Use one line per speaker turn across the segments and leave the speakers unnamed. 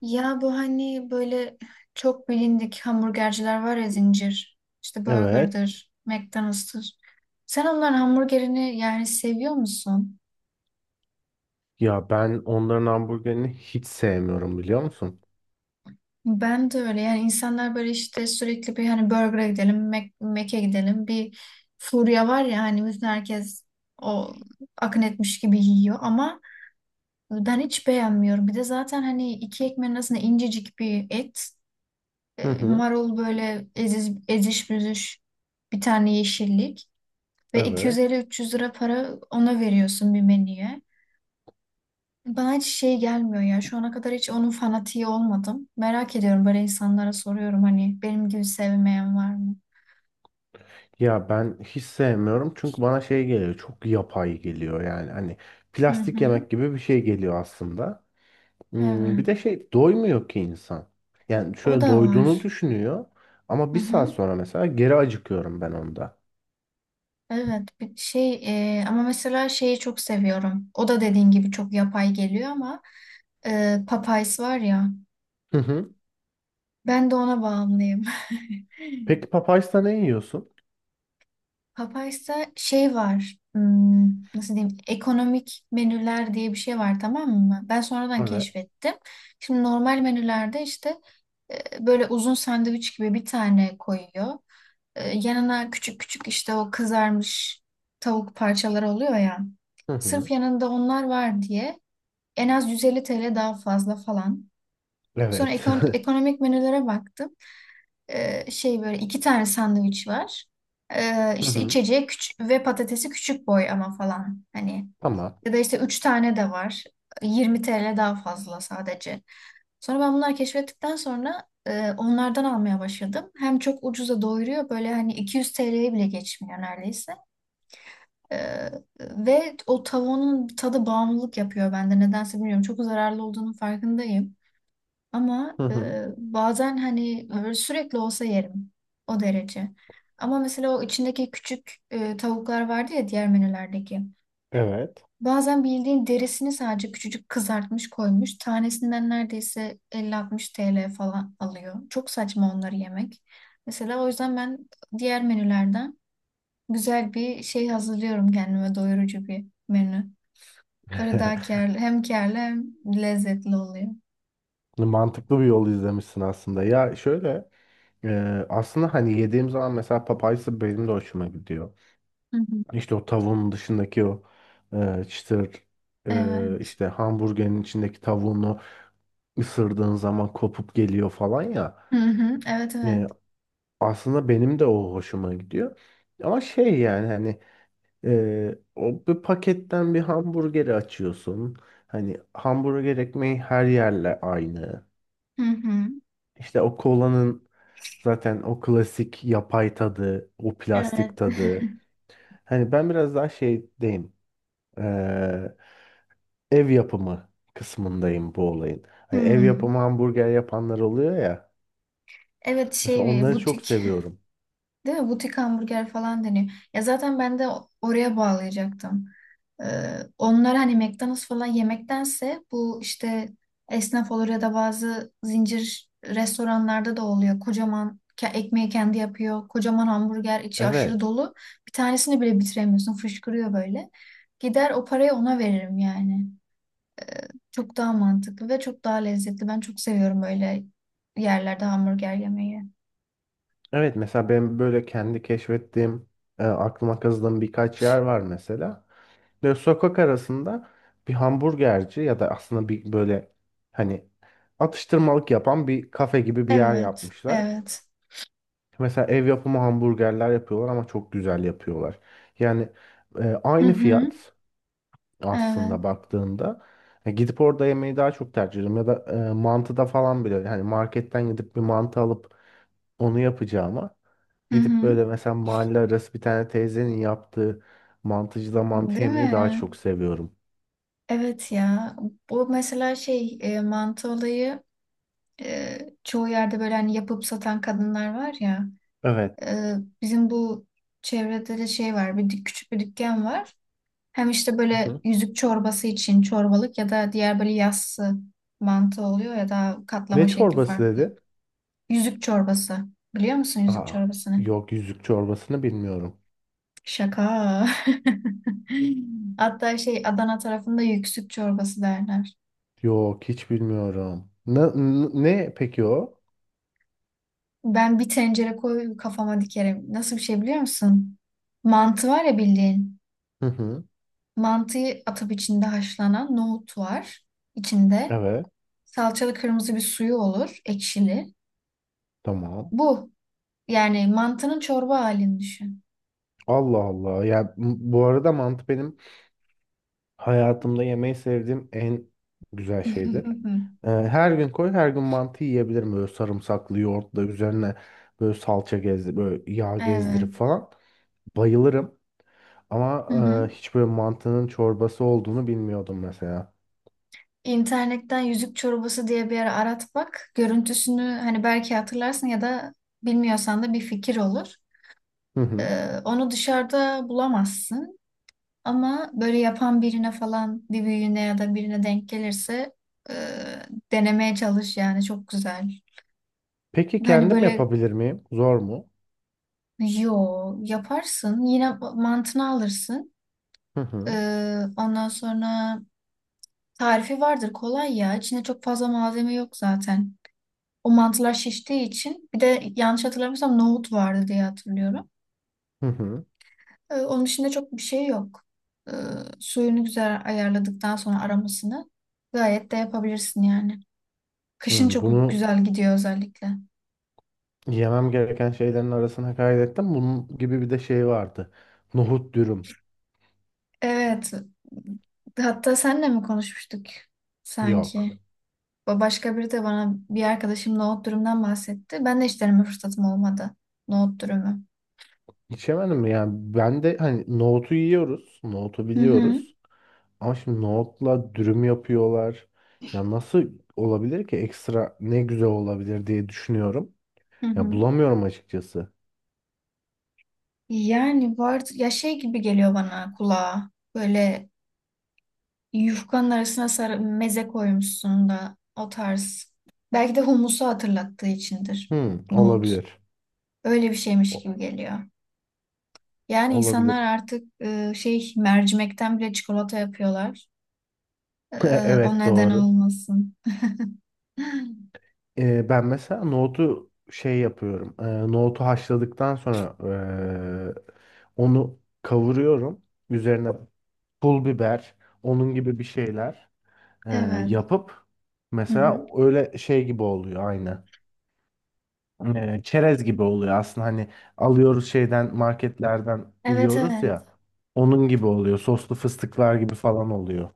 Ya bu hani böyle çok bilindik hamburgerciler var ya zincir. İşte
Evet.
Burger'dır, McDonald's'tır. Sen onların hamburgerini yani seviyor musun?
Ya ben onların hamburgerini hiç sevmiyorum biliyor musun?
Ben de öyle yani insanlar böyle işte sürekli bir hani Burger'a gidelim, Mac'e gidelim. Bir furya var ya hani bütün herkes o akın etmiş gibi yiyor ama ben hiç beğenmiyorum. Bir de zaten hani iki ekmeğin arasında incecik bir et,
Hı hı.
marul böyle eziş büzüş bir tane yeşillik. Ve iki yüz elli
Evet.
üç yüz lira para ona veriyorsun bir menüye. Bana hiç şey gelmiyor ya. Şu ana kadar hiç onun fanatiği olmadım. Merak ediyorum, böyle insanlara soruyorum hani benim gibi sevmeyen var mı?
Ya ben hiç sevmiyorum çünkü bana şey geliyor, çok yapay geliyor, yani hani
Hı
plastik
hı.
yemek gibi bir şey geliyor aslında. Hmm,
Evet.
bir de şey, doymuyor ki insan. Yani
O
şöyle
da var.
doyduğunu düşünüyor ama
Hı
bir saat
hı.
sonra mesela geri acıkıyorum ben onda.
Evet. Ama mesela şeyi çok seviyorum. O da dediğin gibi çok yapay geliyor ama Popeyes var ya.
Hı hı.
Ben de ona bağımlıyım.
Peki Popeyes'ta ne yiyorsun?
Papay'sa şey var. Nasıl diyeyim? Ekonomik menüler diye bir şey var, tamam mı? Ben sonradan
Evet.
keşfettim. Şimdi normal menülerde işte böyle uzun sandviç gibi bir tane koyuyor. Yanına küçük küçük işte o kızarmış tavuk parçaları oluyor ya.
Hı
Sırf
hı.
yanında onlar var diye en az 150 TL daha fazla falan. Sonra
Evet.
ekonomik menülere baktım. Şey böyle iki tane sandviç var.
Hı
İşte
hı.
içeceği küçük ve patatesi küçük boy ama falan. Hani
Tamam.
ya da işte üç tane de var. 20 TL daha fazla sadece. Sonra ben bunları keşfettikten sonra onlardan almaya başladım. Hem çok ucuza doyuruyor, böyle hani 200 TL'ye bile geçmiyor neredeyse. Ee, Ve o tavuğun tadı bağımlılık yapıyor bende. Nedense bilmiyorum. Çok zararlı olduğunun farkındayım. Ama
Hı hı.
bazen hani böyle sürekli olsa yerim. O derece. Ama mesela o içindeki küçük tavuklar vardı ya diğer menülerdeki.
Evet.
Bazen bildiğin derisini sadece küçücük kızartmış koymuş. Tanesinden neredeyse 50-60 TL falan alıyor. Çok saçma onları yemek. Mesela o yüzden ben diğer menülerden güzel bir şey hazırlıyorum kendime, doyurucu bir menü. Böyle daha kârlı, hem kârlı hem lezzetli oluyor.
Mantıklı bir yol izlemişsin aslında. Ya şöyle, e, aslında hani yediğim zaman mesela papayası benim de hoşuma gidiyor.
Hı hı.
İşte o tavuğun dışındaki o, çıtır,
Evet.
işte hamburgerin içindeki tavuğunu ısırdığın zaman kopup geliyor falan ya.
Hı hı. Evet,
E,
evet.
Aslında benim de o hoşuma gidiyor. Ama şey, yani hani, o bir paketten bir hamburgeri açıyorsun. Hani hamburger ekmeği her yerle aynı.
Hı hı.
İşte o kolanın zaten o klasik yapay tadı, o plastik
Evet.
tadı. Hani ben biraz daha şeydeyim. eee, Ev yapımı kısmındayım bu olayın. Hani ev
Hmm.
yapımı hamburger yapanlar oluyor ya.
Evet,
Mesela onları çok
butik
seviyorum.
değil mi? Butik hamburger falan deniyor. Ya zaten ben de oraya bağlayacaktım. Onlar hani McDonald's falan yemektense bu işte esnaf olur ya da bazı zincir restoranlarda da oluyor. Kocaman ekmeği kendi yapıyor. Kocaman hamburger, içi aşırı
Evet.
dolu. Bir tanesini bile bitiremiyorsun. Fışkırıyor böyle. Gider o parayı ona veririm yani. Çok daha mantıklı ve çok daha lezzetli. Ben çok seviyorum öyle yerlerde hamburger yemeyi.
Evet, mesela ben böyle kendi keşfettiğim, aklıma kazıdığım birkaç yer var mesela. Böyle sokak arasında bir hamburgerci, ya da aslında bir böyle hani atıştırmalık yapan bir kafe gibi bir yer
Evet,
yapmışlar.
evet.
Mesela ev yapımı hamburgerler yapıyorlar ama çok güzel yapıyorlar. Yani
Hı
aynı
hı,
fiyat
evet.
aslında baktığında. Gidip orada yemeyi daha çok tercih ediyorum. Ya da, mantıda falan bile, yani marketten gidip bir mantı alıp onu yapacağıma,
Hı
gidip
hı.
böyle mesela mahalle arası bir tane teyzenin yaptığı mantıcıda mantı
Değil
yemeyi daha
mi?
çok seviyorum.
Evet ya. Bu mesela mantı olayı e, çoğu yerde böyle hani yapıp satan kadınlar var ya.
Evet.
E, Bizim bu çevrede de şey var. Bir küçük bir dükkan var. Hem işte
Hı
böyle
hı.
yüzük çorbası için çorbalık ya da diğer böyle yassı mantı oluyor ya da katlama
Ne
şekli
çorbası
farklı.
dedi?
Yüzük çorbası. Biliyor musun yüzük
Aa,
çorbasını?
yok, yüzük çorbasını bilmiyorum.
Şaka. Hatta şey, Adana tarafında yüksük çorbası derler.
Yok, hiç bilmiyorum. Ne peki o?
Ben bir tencere koy kafama, dikerim. Nasıl bir şey biliyor musun? Mantı var ya bildiğin.
Hı hı.
Mantıyı atıp içinde haşlanan nohut var içinde.
Evet,
Salçalı kırmızı bir suyu olur, ekşili.
tamam.
Bu, yani mantının çorba halini düşün.
Allah Allah. Ya bu arada mantı benim hayatımda yemeyi sevdiğim en güzel şeydir. Her gün koy, her gün mantı yiyebilirim, böyle sarımsaklı yoğurtla üzerine böyle salça gezdir, böyle yağ
Evet.
gezdirip falan. Bayılırım. Ama
Hı hı.
hiç böyle mantının çorbası olduğunu bilmiyordum mesela.
İnternetten yüzük çorbası diye bir ara arat bak. Görüntüsünü hani belki hatırlarsın ya da bilmiyorsan da bir fikir olur.
Hı hı.
Onu dışarıda bulamazsın. Ama böyle yapan birine falan, bir büyüğüne ya da birine denk gelirse e, denemeye çalış yani, çok güzel.
Peki
Hani
kendim
böyle,
yapabilir miyim? Zor mu?
yo, yaparsın yine mantını alırsın.
Hı hı.
Ondan sonra tarifi vardır, kolay ya. İçinde çok fazla malzeme yok zaten. O mantılar şiştiği için, bir de yanlış hatırlamıyorsam nohut vardı diye hatırlıyorum.
Hı hı.
Onun dışında çok bir şey yok. Ee, Suyunu güzel ayarladıktan sonra aramasını gayet de yapabilirsin yani. Kışın
Hı,
çok
bunu
güzel gidiyor özellikle.
yemem gereken şeylerin arasına kaydettim. Bunun gibi bir de şey vardı. Nohut dürüm.
Evet. Hatta senle mi konuşmuştuk
Yok.
sanki? Başka biri de, bana bir arkadaşım nohut dürümden bahsetti. Ben de hiç deneme fırsatım olmadı. Nohut dürümü.
İçemedim mi? Yani ben de hani, nohutu yiyoruz. Nohutu
Hı hı.
biliyoruz. Ama şimdi nohutla dürüm yapıyorlar. Ya nasıl olabilir ki, ekstra ne güzel olabilir diye düşünüyorum.
Hı
Ya
hı.
bulamıyorum açıkçası.
Yani var ya, şey gibi geliyor bana kulağa. Böyle yufkanın arasına sarı meze koymuşsun da o tarz. Belki de humusu hatırlattığı içindir.
Hmm,
Nohut.
olabilir.
Öyle bir şeymiş gibi
O-
geliyor. Yani insanlar
olabilir.
artık mercimekten bile çikolata yapıyorlar. E, O
Evet,
neden
doğru.
olmasın.
Ben mesela nohutu şey yapıyorum. Nohutu haşladıktan sonra onu kavuruyorum. Üzerine pul biber, onun gibi bir şeyler, ee,
Evet.
yapıp
Hı hı.
mesela öyle şey gibi oluyor aynı. Çerez gibi oluyor aslında, hani alıyoruz şeyden, marketlerden
Evet,
yiyoruz
evet.
ya. Onun gibi oluyor. Soslu fıstıklar gibi falan oluyor.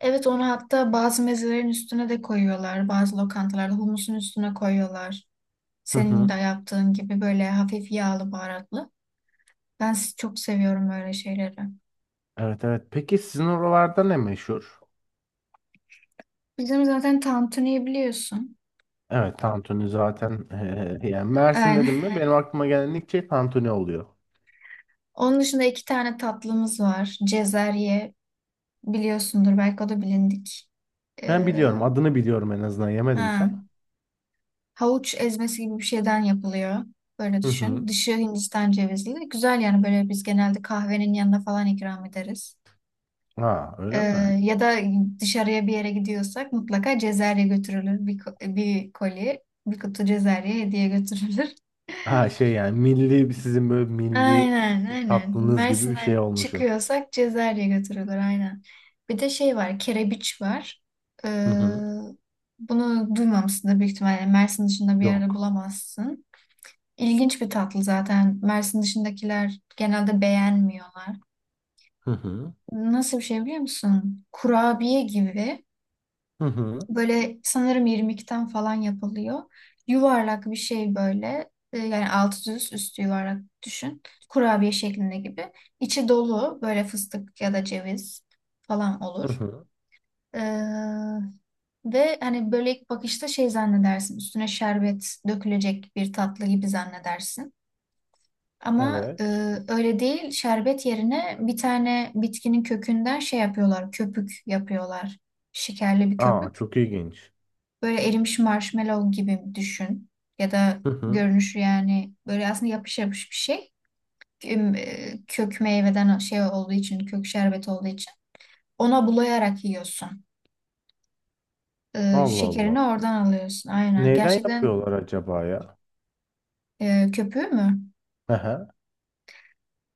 Evet, onu hatta bazı mezelerin üstüne de koyuyorlar. Bazı lokantalarda humusun üstüne koyuyorlar.
Hı
Senin de
hı.
yaptığın gibi, böyle hafif yağlı baharatlı. Ben çok seviyorum öyle şeyleri.
Evet, evet. Peki sizin oralarda ne meşhur?
Bizim zaten tantuniyi biliyorsun.
Evet, tantuni zaten, yani Mersin dedim
Yani
mi benim aklıma gelen ilk şey tantuni oluyor.
onun dışında iki tane tatlımız var. Cezerye, biliyorsundur belki, o da bilindik.
Ben
Ee,
biliyorum, adını biliyorum en azından, yemedim hiç
ha,
ama.
Havuç ezmesi gibi bir şeyden yapılıyor. Böyle
Hı hı.
düşün. Dışı Hindistan cevizli. Güzel yani, böyle biz genelde kahvenin yanına falan ikram ederiz.
Ha,
Ee,
öyle mi?
Ya da dışarıya bir yere gidiyorsak mutlaka cezerye götürülür. Bir koli, bir kutu cezerye hediye götürülür.
Ha şey, yani milli, sizin böyle milli
Aynen, aynen.
tatlınız gibi bir şey
Mersin'den
olmuşum.
çıkıyorsak Cezayir'e götürülür aynen. Bir de şey var, kerebiç var. Ee,
Hı hı.
Bunu duymamışsındır, büyük ihtimalle Mersin dışında bir yerde
Yok.
bulamazsın. İlginç bir tatlı zaten. Mersin dışındakiler genelde beğenmiyorlar.
Hı hı.
Nasıl bir şey biliyor musun? Kurabiye gibi.
Hı hı.
Böyle sanırım irmikten falan yapılıyor. Yuvarlak bir şey böyle. Yani altı düz, üstü yuvarlak düşün. Kurabiye şeklinde gibi. İçi dolu böyle, fıstık ya da ceviz falan
Hı
olur.
hı.
Ee, Ve hani böyle ilk bakışta şey zannedersin. Üstüne şerbet dökülecek bir tatlı gibi zannedersin. Ama
Evet.
öyle değil. Şerbet yerine bir tane bitkinin kökünden şey yapıyorlar. Köpük yapıyorlar. Şekerli bir
Aa,
köpük.
çok ilginç.
Böyle erimiş marshmallow gibi düşün. Ya da
Hı hı.
görünüşü yani, böyle aslında yapış yapış bir şey. Kök meyveden şey olduğu için, kök şerbeti olduğu için. Ona bulayarak yiyorsun.
Allah Allah.
Şekerini oradan alıyorsun. Aynen.
Neyden
Gerçekten
yapıyorlar acaba ya?
köpüğü mü?
Hı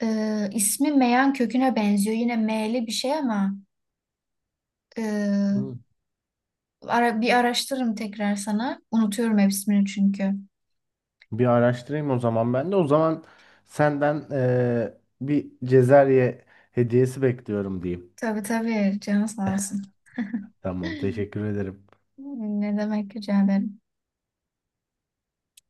İsmi meyan köküne benziyor. Yine meyli bir şey ama e,
hı.
bir araştırırım tekrar sana. Unutuyorum hep ismini çünkü.
Bir araştırayım o zaman ben de. O zaman senden bir Cezerye hediyesi bekliyorum diyeyim.
Tabii, tabii. Canı sağ olsun.
Tamam, teşekkür ederim.
Ne demek, rica ederim.